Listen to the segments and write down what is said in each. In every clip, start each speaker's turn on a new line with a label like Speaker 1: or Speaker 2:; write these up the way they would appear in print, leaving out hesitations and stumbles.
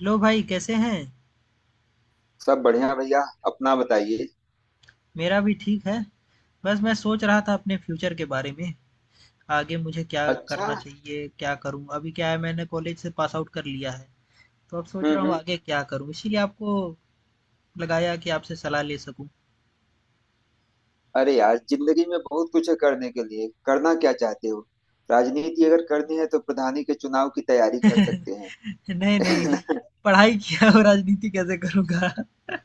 Speaker 1: Hello भाई कैसे हैं?
Speaker 2: सब बढ़िया भैया। अपना बताइए।
Speaker 1: मेरा भी ठीक है। बस मैं सोच रहा था अपने फ्यूचर के बारे में, आगे मुझे क्या
Speaker 2: अच्छा।
Speaker 1: करना चाहिए, क्या करूं। अभी क्या है मैंने कॉलेज से पास आउट कर लिया है, तो अब सोच रहा हूँ
Speaker 2: हम्म।
Speaker 1: आगे क्या करूं। इसीलिए आपको लगाया कि आपसे सलाह ले सकूं।
Speaker 2: अरे यार, जिंदगी में बहुत कुछ है करने के लिए, करना क्या चाहते हो? राजनीति अगर करनी है तो प्रधानी के चुनाव की तैयारी कर सकते
Speaker 1: नहीं नहीं
Speaker 2: हैं।
Speaker 1: पढ़ाई किया और राजनीति कैसे करूंगा।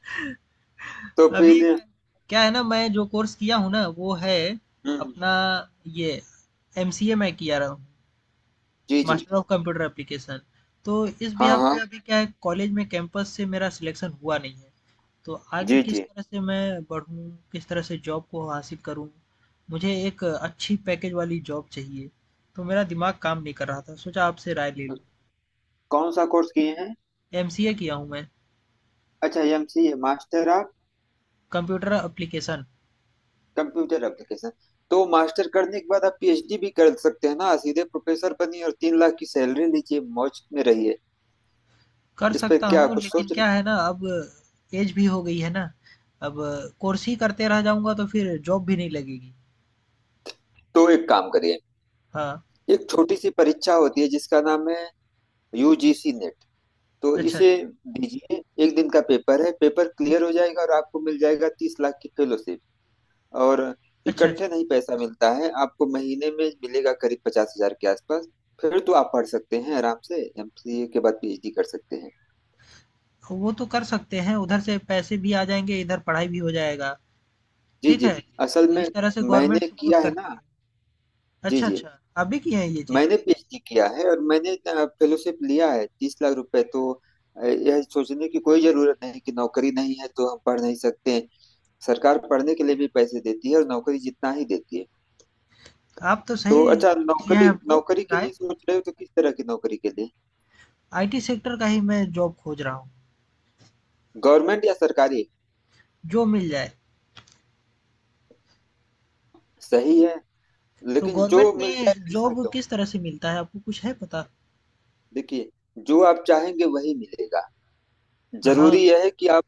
Speaker 2: तो
Speaker 1: अभी
Speaker 2: फिर?
Speaker 1: क्या, क्या है ना मैं जो कोर्स किया हूँ ना वो है
Speaker 2: हम्म।
Speaker 1: अपना ये एमसीए मैं किया रहा
Speaker 2: जी जी
Speaker 1: मास्टर
Speaker 2: जी।
Speaker 1: ऑफ कंप्यूटर एप्लीकेशन तो इस
Speaker 2: हाँ
Speaker 1: बिहाफ पे
Speaker 2: हाँ।
Speaker 1: अभी क्या है कॉलेज में कैंपस से मेरा सिलेक्शन हुआ नहीं है तो आगे
Speaker 2: जी
Speaker 1: किस
Speaker 2: जी।
Speaker 1: तरह से मैं बढ़ूँ किस तरह से जॉब को हासिल करूँ मुझे एक अच्छी पैकेज वाली जॉब चाहिए तो मेरा दिमाग काम नहीं कर रहा था सोचा आपसे राय ले लूँ
Speaker 2: कौन सा कोर्स किए हैं?
Speaker 1: एमसीए किया हूँ मैं
Speaker 2: अच्छा, MCA, master of
Speaker 1: computer application
Speaker 2: computer application. तो मास्टर करने के बाद आप पीएचडी भी कर सकते हैं ना, सीधे प्रोफेसर बनिए और 3 लाख की सैलरी लीजिए, मौज में रहिए।
Speaker 1: कर
Speaker 2: इस पे
Speaker 1: सकता
Speaker 2: क्या
Speaker 1: हूँ
Speaker 2: कुछ
Speaker 1: लेकिन
Speaker 2: सोच
Speaker 1: क्या
Speaker 2: रही?
Speaker 1: है ना अब एज भी हो गई है ना अब कोर्स ही करते रह जाऊँगा तो फिर जॉब भी नहीं लगेगी
Speaker 2: तो एक काम करिए,
Speaker 1: हाँ
Speaker 2: एक छोटी सी परीक्षा होती है जिसका नाम है यूजीसी नेट। तो
Speaker 1: अच्छा
Speaker 2: इसे
Speaker 1: अच्छा
Speaker 2: दीजिए, एक दिन का पेपर है, पेपर क्लियर हो जाएगा और आपको मिल जाएगा 30 लाख की फेलोशिप। और
Speaker 1: अच्छा अच्छा
Speaker 2: इकट्ठे नहीं पैसा मिलता है, आपको महीने में मिलेगा करीब 50 हजार के आसपास। फिर तो आप पढ़ सकते हैं आराम से, एमसीए के बाद पीएचडी कर सकते हैं।
Speaker 1: तो वो तो कर सकते हैं, उधर से पैसे भी आ जाएँगे, इधर पढ़ाई भी हो जाएगा,
Speaker 2: जी
Speaker 1: ठीक
Speaker 2: जी।
Speaker 1: है?
Speaker 2: असल
Speaker 1: तो
Speaker 2: में
Speaker 1: इस तरह से गवर्नमेंट
Speaker 2: मैंने
Speaker 1: सपोर्ट
Speaker 2: किया है
Speaker 1: करती
Speaker 2: ना।
Speaker 1: है।
Speaker 2: जी
Speaker 1: अच्छा,
Speaker 2: जी।
Speaker 1: अच्छा, आप भी किए हैं ये चीज़?
Speaker 2: मैंने पीएचडी किया है और मैंने फेलोशिप लिया है 30 लाख रुपए। तो यह सोचने की कोई जरूरत नहीं कि नौकरी नहीं है तो हम पढ़ नहीं सकते हैं। सरकार पढ़ने के लिए भी पैसे देती है और नौकरी जितना ही देती है।
Speaker 1: आप तो
Speaker 2: तो
Speaker 1: सही
Speaker 2: अच्छा,
Speaker 1: दिए हैं
Speaker 2: नौकरी
Speaker 1: हमको
Speaker 2: नौकरी के
Speaker 1: राय।
Speaker 2: लिए सोच रहे हो तो किस तरह की नौकरी के लिए?
Speaker 1: आईटी सेक्टर का ही मैं जॉब खोज रहा हूँ,
Speaker 2: गवर्नमेंट या सरकारी?
Speaker 1: जो मिल जाए।
Speaker 2: सही है,
Speaker 1: तो
Speaker 2: लेकिन जो
Speaker 1: गवर्नमेंट
Speaker 2: मिल जाए
Speaker 1: में
Speaker 2: ऐसा
Speaker 1: जॉब
Speaker 2: क्यों?
Speaker 1: किस तरह से मिलता है, आपको कुछ है पता?
Speaker 2: देखिए, जो आप चाहेंगे वही मिलेगा।
Speaker 1: हाँ,
Speaker 2: जरूरी यह है कि आप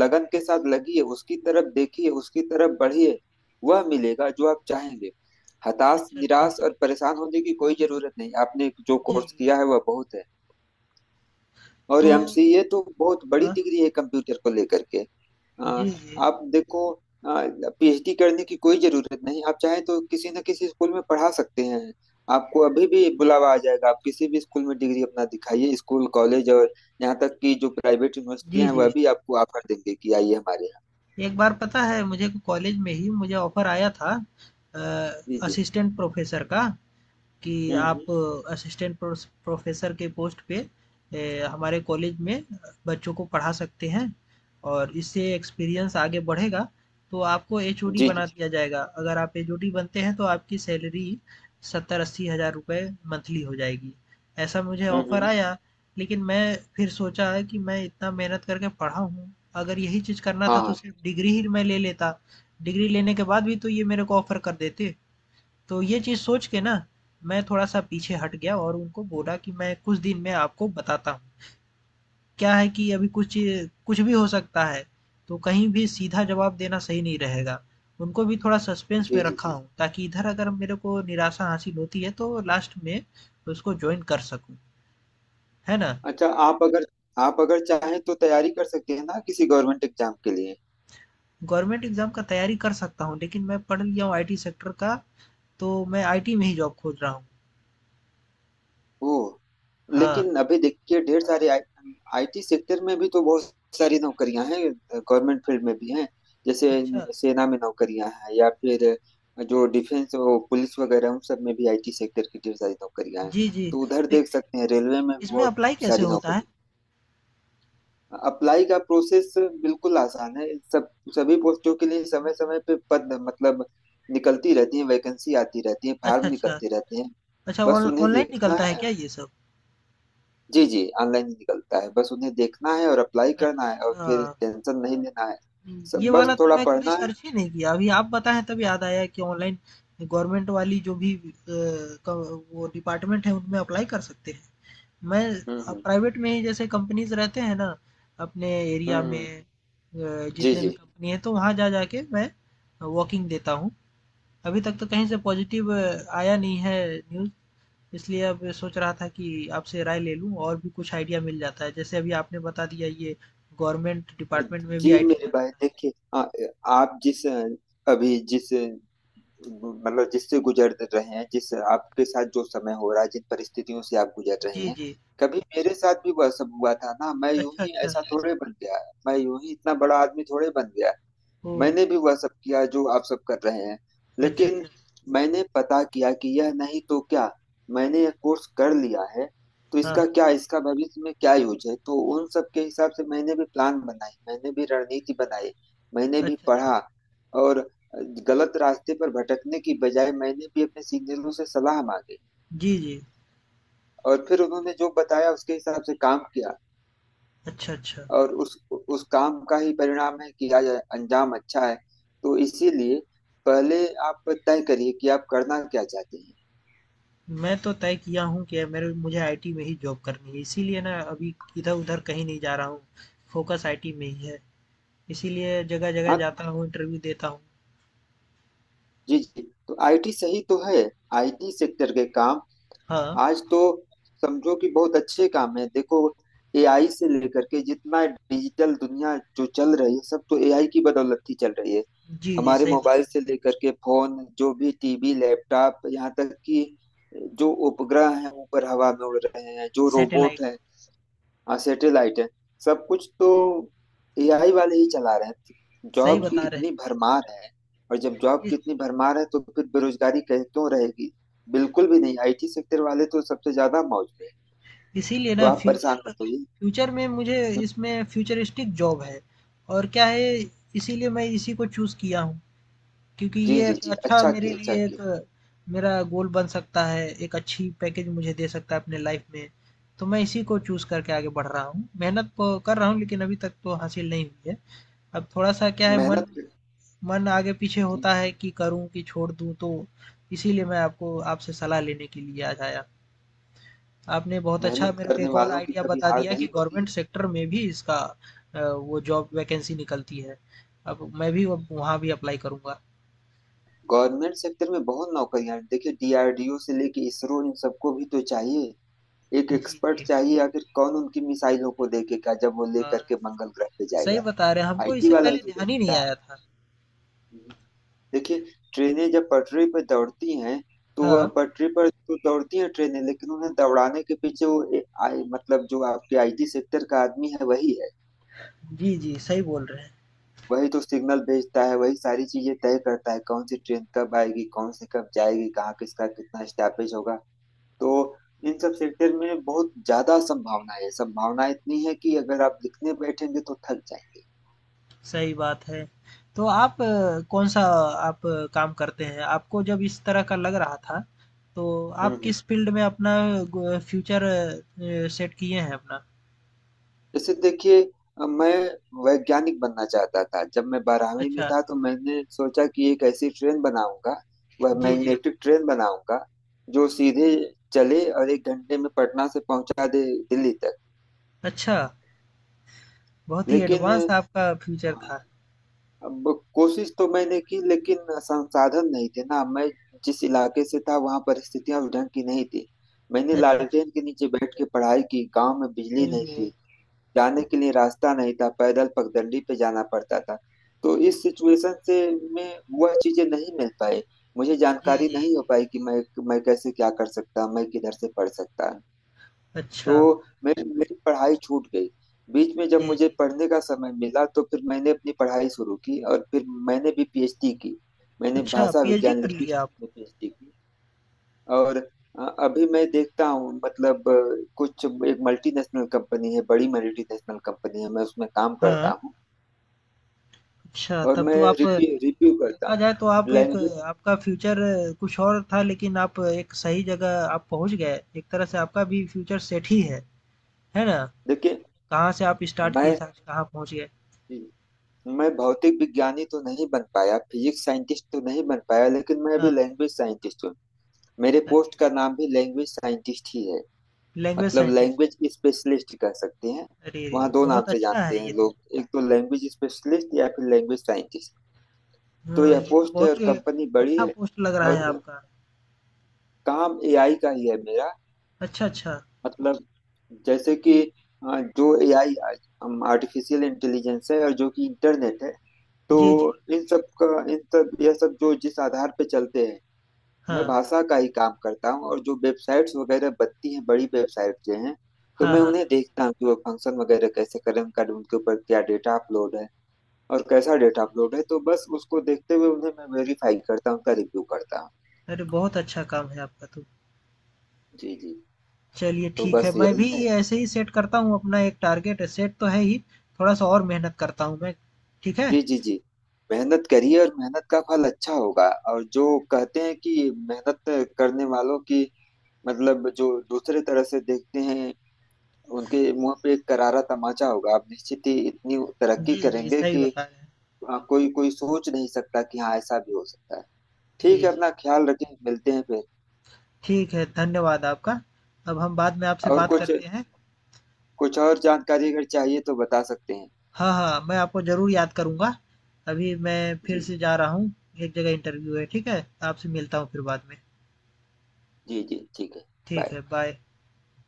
Speaker 2: लगन के साथ लगिए, उसकी तरफ देखिए, उसकी तरफ बढ़िए। वह मिलेगा जो आप चाहेंगे। हताश,
Speaker 1: अच्छा, अच्छा।
Speaker 2: निराश और परेशान होने की कोई जरूरत नहीं। आपने जो
Speaker 1: जी,
Speaker 2: कोर्स
Speaker 1: जी।
Speaker 2: किया है वह बहुत है, और
Speaker 1: तो
Speaker 2: एमसीए तो बहुत बड़ी
Speaker 1: हाँ,
Speaker 2: डिग्री है कंप्यूटर को लेकर के। आ,
Speaker 1: जी, जी।
Speaker 2: आप देखो, पीएचडी करने की कोई जरूरत नहीं। आप चाहें तो किसी न किसी स्कूल में पढ़ा सकते हैं, आपको अभी भी बुलावा आ जाएगा। आप किसी भी स्कूल में डिग्री अपना दिखाइए, स्कूल, कॉलेज, और यहाँ तक कि जो प्राइवेट
Speaker 1: जी,
Speaker 2: यूनिवर्सिटियां हैं
Speaker 1: जी।
Speaker 2: वह भी आपको ऑफर देंगे कि आइए हमारे यहाँ।
Speaker 1: एक बार पता है मुझे कॉलेज में ही मुझे ऑफ़र आया था अ,
Speaker 2: जी जी।
Speaker 1: असिस्टेंट प्रोफ़ेसर का। कि आप
Speaker 2: हम्म।
Speaker 1: असिस्टेंट प्रोस प्रोफ़ेसर के पोस्ट पे हमारे कॉलेज में बच्चों को पढ़ा सकते हैं और इससे एक्सपीरियंस आगे बढ़ेगा, तो आपको एचओडी
Speaker 2: जी जी।
Speaker 1: बना दिया जाएगा। अगर आप एचओडी बनते हैं तो आपकी सैलरी 70-80 हज़ार रुपए मंथली हो जाएगी। ऐसा मुझे ऑफ़र
Speaker 2: हम्म।
Speaker 1: आया, लेकिन मैं फिर सोचा है कि मैं इतना मेहनत करके पढ़ा हूँ, अगर यही चीज़ करना
Speaker 2: हाँ
Speaker 1: था तो
Speaker 2: हाँ।
Speaker 1: सिर्फ़ डिग्री ही मैं ले लेता। डिग्री लेने के बाद भी तो ये मेरे को ऑफ़र कर देते। तो ये चीज़ सोच के ना, मैं थोड़ा-सा पीछे हट गया और उनको बोला कि मैं कुछ दिन में आपको बताता हूँ। क्या है कि अभी कुछ भी हो सकता है, तो कहीं भी सीधा जवाब देना सही नहीं रहेगा। उनको भी थोड़ा सस्पेंस
Speaker 2: जी
Speaker 1: में
Speaker 2: जी
Speaker 1: रखा
Speaker 2: जी।
Speaker 1: हूँ ताकि इधर अगर मेरे को निराशा हासिल होती है तो लास्ट में उसको जॉइन कर सकूँ, है ना?
Speaker 2: अच्छा, आप अगर चाहें तो तैयारी कर सकते हैं ना किसी गवर्नमेंट एग्जाम के लिए।
Speaker 1: गवर्नमेंट एग्ज़ाम का तैयारी कर सकता हूँ लेकिन मैं पढ़ लिया हूँ आईटी सेक्टर का, तो मैं आईटी में ही जॉब खोज रहा हूँ।
Speaker 2: ओ,
Speaker 1: हाँ,
Speaker 2: लेकिन अभी देखिए ढेर सारे आईटी सेक्टर में भी तो बहुत सारी नौकरियां हैं, गवर्नमेंट फील्ड में भी हैं। जैसे
Speaker 1: अच्छा।
Speaker 2: सेना में नौकरियां हैं, या फिर जो डिफेंस, वो पुलिस वगैरह, उन सब में भी आईटी सेक्टर की ढेर सारी नौकरियां हैं।
Speaker 1: जी, जी।
Speaker 2: तो उधर
Speaker 1: तो
Speaker 2: देख सकते हैं, रेलवे में भी
Speaker 1: इसमें
Speaker 2: बहुत
Speaker 1: अप्लाई कैसे
Speaker 2: सारी
Speaker 1: होता है?
Speaker 2: नौकरी। अप्लाई का प्रोसेस बिल्कुल आसान है, सब, सभी पोस्टों के लिए समय समय पे पद, मतलब निकलती रहती है, वैकेंसी आती रहती है,
Speaker 1: अच्छा,
Speaker 2: फार्म
Speaker 1: अच्छा।
Speaker 2: निकलते रहते हैं,
Speaker 1: अच्छा
Speaker 2: बस
Speaker 1: ऑन
Speaker 2: उन्हें
Speaker 1: ऑनलाइन
Speaker 2: देखना
Speaker 1: निकलता है
Speaker 2: है।
Speaker 1: क्या ये सब?
Speaker 2: जी जी, ऑनलाइन ही निकलता है, बस उन्हें देखना है और अप्लाई करना है और
Speaker 1: अच्छा,
Speaker 2: फिर टेंशन नहीं लेना है,
Speaker 1: ये
Speaker 2: सब बस
Speaker 1: वाला तो
Speaker 2: थोड़ा
Speaker 1: मैं कभी
Speaker 2: पढ़ना है।
Speaker 1: सर्च ही नहीं किया। अभी आप बताएँ तब याद आया कि ऑनलाइन गवर्नमेंट वाली जो भी अ, क वो डिपार्टमेंट है उनमें अप्लाई कर सकते हैं। मैं
Speaker 2: हम्म।
Speaker 1: प्राइवेट में ही जैसे कंपनीज़ रहते हैं ना अपने एरिया
Speaker 2: हम्म।
Speaker 1: में
Speaker 2: जी
Speaker 1: जितने भी
Speaker 2: जी
Speaker 1: कंपनी है तो वहाँ जा जा के मैं वॉकिंग देता हूँ। अभी तक तो कहीं से पॉजिटिव आया नहीं है न्यूज़। इसलिए अब सोच रहा था कि आपसे राय ले लूँ और भी कुछ आइडिया मिल जाता है। जैसे अभी आपने बता दिया ये गवर्नमेंट डिपार्टमेंट में भी
Speaker 2: जी
Speaker 1: आईटी
Speaker 2: मेरे
Speaker 1: का रहता
Speaker 2: भाई,
Speaker 1: है।
Speaker 2: देखिए आ- आप जिस अभी जिस मतलब जिससे गुजर रहे हैं, जिस आपके साथ जो समय हो रहा है, जिन परिस्थितियों से आप गुजर रहे
Speaker 1: जी,
Speaker 2: हैं,
Speaker 1: जी।
Speaker 2: कभी मेरे साथ भी वह सब हुआ था ना। मैं यूं
Speaker 1: अच्छा,
Speaker 2: ही
Speaker 1: अच्छा।
Speaker 2: ऐसा थोड़े बन गया, मैं यूं ही इतना बड़ा आदमी थोड़े बन गया।
Speaker 1: ओह!
Speaker 2: मैंने भी वह सब किया जो आप सब कर रहे हैं,
Speaker 1: अच्छा,
Speaker 2: लेकिन
Speaker 1: अच्छा।
Speaker 2: मैंने पता किया कि यह नहीं तो क्या। मैंने यह कोर्स कर लिया है तो
Speaker 1: हाँ,
Speaker 2: इसका
Speaker 1: हाँ।
Speaker 2: क्या, इसका भविष्य में क्या यूज है, तो उन सब के हिसाब से मैंने भी प्लान बनाई, मैंने भी रणनीति बनाई, मैंने भी
Speaker 1: अच्छा, अच्छा।
Speaker 2: पढ़ा। और गलत रास्ते पर भटकने की बजाय मैंने भी अपने सीनियरों से सलाह मांगी,
Speaker 1: जी, जी।
Speaker 2: और फिर उन्होंने जो बताया उसके हिसाब से काम किया,
Speaker 1: अच्छा, अच्छा।
Speaker 2: और उस काम का ही परिणाम है कि आज अंजाम अच्छा है। तो इसीलिए पहले आप तय करिए कि आप करना क्या चाहते हैं।
Speaker 1: मैं तो तय किया हूँ कि मेरे मुझे आईटी में ही जॉब करनी है। इसीलिए ना अभी इधर-उधर कहीं नहीं जा रहा हूँ। फ़ोकस आईटी में ही है। इसीलिए जगह-जगह
Speaker 2: हाँ।
Speaker 1: जाता हूँ, इंटरव्यू देता हूँ।
Speaker 2: जी जी। तो आईटी सही तो है, आईटी सेक्टर के काम
Speaker 1: हाँ।
Speaker 2: आज तो समझो कि बहुत अच्छे काम है। देखो एआई से लेकर के जितना डिजिटल दुनिया जो चल रही है सब तो एआई की बदौलत ही चल रही है।
Speaker 1: जी, जी।
Speaker 2: हमारे
Speaker 1: सही बता रहे
Speaker 2: मोबाइल से
Speaker 1: हैं।
Speaker 2: लेकर के फोन, जो भी टीवी, लैपटॉप, यहाँ तक कि जो उपग्रह हैं ऊपर हवा में उड़ रहे हैं, जो रोबोट
Speaker 1: सैटेलाइट।
Speaker 2: हैं, हाँ सैटेलाइट है, सब कुछ तो एआई वाले ही चला रहे हैं।
Speaker 1: सही
Speaker 2: जॉब की
Speaker 1: बता रहे
Speaker 2: इतनी भरमार है, और जब जॉब
Speaker 1: हैं।
Speaker 2: की इतनी भरमार है तो फिर बेरोजगारी कहीं क्यों रहेगी, बिल्कुल भी नहीं। आईटी सेक्टर वाले तो सबसे ज्यादा मौज में हैं।
Speaker 1: इसीलिए
Speaker 2: तो
Speaker 1: ना
Speaker 2: आप
Speaker 1: फ्यूचर
Speaker 2: परेशान मत होइए।
Speaker 1: फ्यूचर में मुझे
Speaker 2: हम्म।
Speaker 1: इसमें फ्यूचरिस्टिक जॉब है और क्या है इसीलिए मैं इसी को चूज़ किया हूँ क्योंकि
Speaker 2: जी
Speaker 1: ये
Speaker 2: जी
Speaker 1: एक
Speaker 2: जी।
Speaker 1: अच्छा
Speaker 2: अच्छा
Speaker 1: मेरे
Speaker 2: किए, अच्छा
Speaker 1: लिए एक
Speaker 2: किए।
Speaker 1: मेरा गोल बन सकता है एक अच्छी पैकेज मुझे दे सकता है अपने लाइफ में तो मैं इसी को चूज़ करके आगे बढ़ रहा हूँ मेहनत तो कर रहा हूँ लेकिन अभी तक तो हासिल नहीं हुई है अब थोड़ा सा क्या है मन
Speaker 2: मेहनत,
Speaker 1: मन आगे पीछे होता है कि करूँ कि छोड़ दूँ तो इसीलिए मैं आपको आपसे सलाह लेने के लिए आज आया हूं। आपने बहुत अच्छा
Speaker 2: मेहनत
Speaker 1: मेरे को
Speaker 2: करने
Speaker 1: एक और
Speaker 2: वालों की
Speaker 1: आइडिया
Speaker 2: कभी
Speaker 1: बता
Speaker 2: हार
Speaker 1: दिया कि
Speaker 2: नहीं होती
Speaker 1: गवर्नमेंट
Speaker 2: है।
Speaker 1: सेक्टर में भी इसका वो जॉब वैकेंसी निकलती है। अब वहाँ भी अप्लाई करूँगा।
Speaker 2: गवर्नमेंट सेक्टर में बहुत नौकरियां हैं। देखिए, डीआरडीओ से लेके इसरो, इन सबको भी तो चाहिए, एक
Speaker 1: जी,
Speaker 2: एक्सपर्ट
Speaker 1: जी।
Speaker 2: चाहिए। आखिर कौन उनकी मिसाइलों को देखेगा जब वो
Speaker 1: हाँ,
Speaker 2: लेकर के मंगल ग्रह पे
Speaker 1: सही
Speaker 2: जाएगा?
Speaker 1: बता रहे हैं, हमको
Speaker 2: आईटी
Speaker 1: इससे
Speaker 2: वाला ही
Speaker 1: पहले
Speaker 2: तो
Speaker 1: ध्यान ही नहीं
Speaker 2: देखेगा।
Speaker 1: आया था।
Speaker 2: देखिए, ट्रेनें जब पटरी पर दौड़ती हैं, तो वह
Speaker 1: हाँ।
Speaker 2: पटरी पर तो दौड़ती हैं ट्रेनें, लेकिन उन्हें दौड़ाने के पीछे वो ए, आई, मतलब जो आपके आईटी सेक्टर का आदमी है वही है।
Speaker 1: जी, जी, सही बोल रहे हैं।
Speaker 2: वही तो सिग्नल भेजता है, वही सारी चीजें तय करता है, कौन सी ट्रेन कब आएगी, कौन सी कब जाएगी, कहाँ किसका कितना स्टॉपेज होगा। तो इन सब सेक्टर में बहुत ज्यादा संभावना है, संभावना इतनी है कि अगर आप लिखने बैठेंगे तो थक जाएंगे।
Speaker 1: सही बात है। तो आप कौन-सा आप काम करते हैं? आपको जब इस तरह का लग रहा था, तो आप
Speaker 2: हम्म।
Speaker 1: किस फील्ड में अपना ग फ्यूचर सेट किए हैं अपना?
Speaker 2: जैसे देखिए, मैं वैज्ञानिक बनना चाहता था। जब मैं 12वीं में
Speaker 1: अच्छा।
Speaker 2: था तो मैंने सोचा कि एक ऐसी ट्रेन बनाऊंगा, वह
Speaker 1: जी, जी।
Speaker 2: मैग्नेटिक ट्रेन बनाऊंगा, जो सीधे चले और 1 घंटे में पटना से पहुंचा दे दिल्ली तक।
Speaker 1: अच्छा। बहुत ही
Speaker 2: लेकिन
Speaker 1: एडवांस आपका फ्यूचर
Speaker 2: हाँ,
Speaker 1: था।
Speaker 2: अब कोशिश तो मैंने की, लेकिन संसाधन नहीं थे ना। मैं जिस इलाके से था वहां परिस्थितियां उस ढंग की नहीं थी। मैंने
Speaker 1: अच्छा, अच्छा।
Speaker 2: लालटेन के नीचे बैठ के पढ़ाई की, गांव में बिजली
Speaker 1: हुँ,
Speaker 2: नहीं थी,
Speaker 1: हुँ।
Speaker 2: जाने के लिए रास्ता नहीं था, पैदल पगडंडी पे जाना पड़ता था। तो इस सिचुएशन से मैं वह चीजें नहीं मिल पाई, मुझे
Speaker 1: जी,
Speaker 2: जानकारी
Speaker 1: जी,
Speaker 2: नहीं हो
Speaker 1: जी।
Speaker 2: पाई कि मैं कैसे क्या कर सकता, मैं किधर से पढ़ सकता। तो
Speaker 1: अच्छा।
Speaker 2: मेरी मेरी पढ़ाई छूट गई बीच में। जब
Speaker 1: जी,
Speaker 2: मुझे
Speaker 1: जी।
Speaker 2: पढ़ने का समय मिला तो फिर मैंने अपनी पढ़ाई शुरू की, और फिर मैंने भी पीएचडी की। मैंने
Speaker 1: अच्छा
Speaker 2: भाषा
Speaker 1: पीएचडी
Speaker 2: विज्ञान,
Speaker 1: कर
Speaker 2: लिंग्विस्टिक्स
Speaker 1: लिया आप?
Speaker 2: में पीएचडी की। और अभी मैं देखता हूँ, मतलब कुछ एक मल्टीनेशनल कंपनी है, बड़ी मल्टीनेशनल कंपनी है, मैं उसमें काम करता
Speaker 1: हाँ।
Speaker 2: हूँ,
Speaker 1: अच्छा
Speaker 2: और
Speaker 1: तब
Speaker 2: मैं
Speaker 1: तो आप
Speaker 2: रिव्यू
Speaker 1: देखा
Speaker 2: रिव्यू करता
Speaker 1: जाए तो
Speaker 2: हूँ,
Speaker 1: आप एक
Speaker 2: लैंग्वेज।
Speaker 1: आपका फ्यूचर कुछ और था लेकिन आप एक सही जगह आप पहुँच गए। एक तरह से आपका भी फ्यूचर सेट ही है। है ना?
Speaker 2: देखिए
Speaker 1: कहाँ से आप स्टार्ट किए
Speaker 2: मैं
Speaker 1: थे आज कहाँ पहुँच गए।
Speaker 2: मैं भौतिक विज्ञानी तो नहीं बन पाया, फिजिक्स साइंटिस्ट तो नहीं बन पाया, लेकिन मैं अभी
Speaker 1: हाँ।
Speaker 2: लैंग्वेज साइंटिस्ट हूँ। मेरे
Speaker 1: अरे!
Speaker 2: पोस्ट का नाम भी लैंग्वेज साइंटिस्ट ही है।
Speaker 1: लैंग्वेज
Speaker 2: मतलब
Speaker 1: साइंटिस्ट।
Speaker 2: लैंग्वेज स्पेशलिस्ट कह सकते हैं।
Speaker 1: अरे रे!
Speaker 2: वहाँ दो नाम
Speaker 1: बहुत
Speaker 2: से
Speaker 1: अच्छा
Speaker 2: जानते
Speaker 1: है
Speaker 2: हैं
Speaker 1: ये तो।
Speaker 2: लोग, एक तो लैंग्वेज स्पेशलिस्ट या फिर लैंग्वेज साइंटिस्ट। तो
Speaker 1: हाँ,
Speaker 2: यह
Speaker 1: ये तो
Speaker 2: पोस्ट है
Speaker 1: बहुत
Speaker 2: और
Speaker 1: ही
Speaker 2: कंपनी बड़ी
Speaker 1: अच्छा
Speaker 2: है।
Speaker 1: पोस्ट लग रहा है
Speaker 2: और
Speaker 1: आपका।
Speaker 2: काम एआई का ही है मेरा।
Speaker 1: अच्छा, अच्छा।
Speaker 2: मतलब जैसे कि जो एआई, आर्टिफिशियल इंटेलिजेंस है, और जो कि इंटरनेट है, तो
Speaker 1: जी, जी।
Speaker 2: इन सब का, इन सब यह सब जो जिस आधार पे चलते हैं, मैं
Speaker 1: हाँ।
Speaker 2: भाषा का ही काम करता हूँ। और जो वेबसाइट्स वगैरह बनती हैं, बड़ी वेबसाइट जो हैं, तो
Speaker 1: हाँ,
Speaker 2: मैं
Speaker 1: हाँ।
Speaker 2: उन्हें देखता हूँ कि वो फंक्शन वगैरह कैसे करें उनका, उनके ऊपर क्या डेटा अपलोड है और कैसा डेटा अपलोड है, तो बस उसको देखते हुए उन्हें मैं वेरीफाई करता हूँ, उनका रिव्यू करता हूँ।
Speaker 1: अरे बहुत अच्छा काम है आपका तो।
Speaker 2: जी जी।
Speaker 1: चलिए
Speaker 2: तो
Speaker 1: ठीक है,
Speaker 2: बस
Speaker 1: मैं भी
Speaker 2: यही है।
Speaker 1: ऐसे ही सेट करता हूँ अपना एक टारगेट सेट तो है ही, थोड़ा-सा और मेहनत करता हूँ मैं, ठीक है?
Speaker 2: जी जी जी। मेहनत करिए और मेहनत का फल अच्छा होगा। और जो कहते हैं कि मेहनत करने वालों की, मतलब जो दूसरे तरह से देखते हैं, उनके मुंह पे एक करारा तमाचा होगा। आप निश्चित ही इतनी तरक्की
Speaker 1: जी, जी,
Speaker 2: करेंगे
Speaker 1: सही
Speaker 2: कि
Speaker 1: बता रहे हैं।
Speaker 2: कोई कोई सोच नहीं सकता कि हाँ ऐसा भी हो सकता है। ठीक
Speaker 1: जी,
Speaker 2: है,
Speaker 1: जी।
Speaker 2: अपना ख्याल रखें, मिलते हैं फिर।
Speaker 1: ठीक है, धन्यवाद आपका। अब हम बाद में आपसे
Speaker 2: और
Speaker 1: बात
Speaker 2: कुछ
Speaker 1: करते हैं।
Speaker 2: कुछ और जानकारी अगर चाहिए तो बता सकते हैं।
Speaker 1: हाँ, हाँ, मैं आपको ज़रूर याद करूँगा। अभी मैं फिर
Speaker 2: जी
Speaker 1: से जा रहा हूँ, एक जगह इंटरव्यू है, ठीक है? आपसे मिलता हूँ फिर बाद में।
Speaker 2: जी। जी जी ठीक है।
Speaker 1: ठीक है,
Speaker 2: बाय।
Speaker 1: बाय।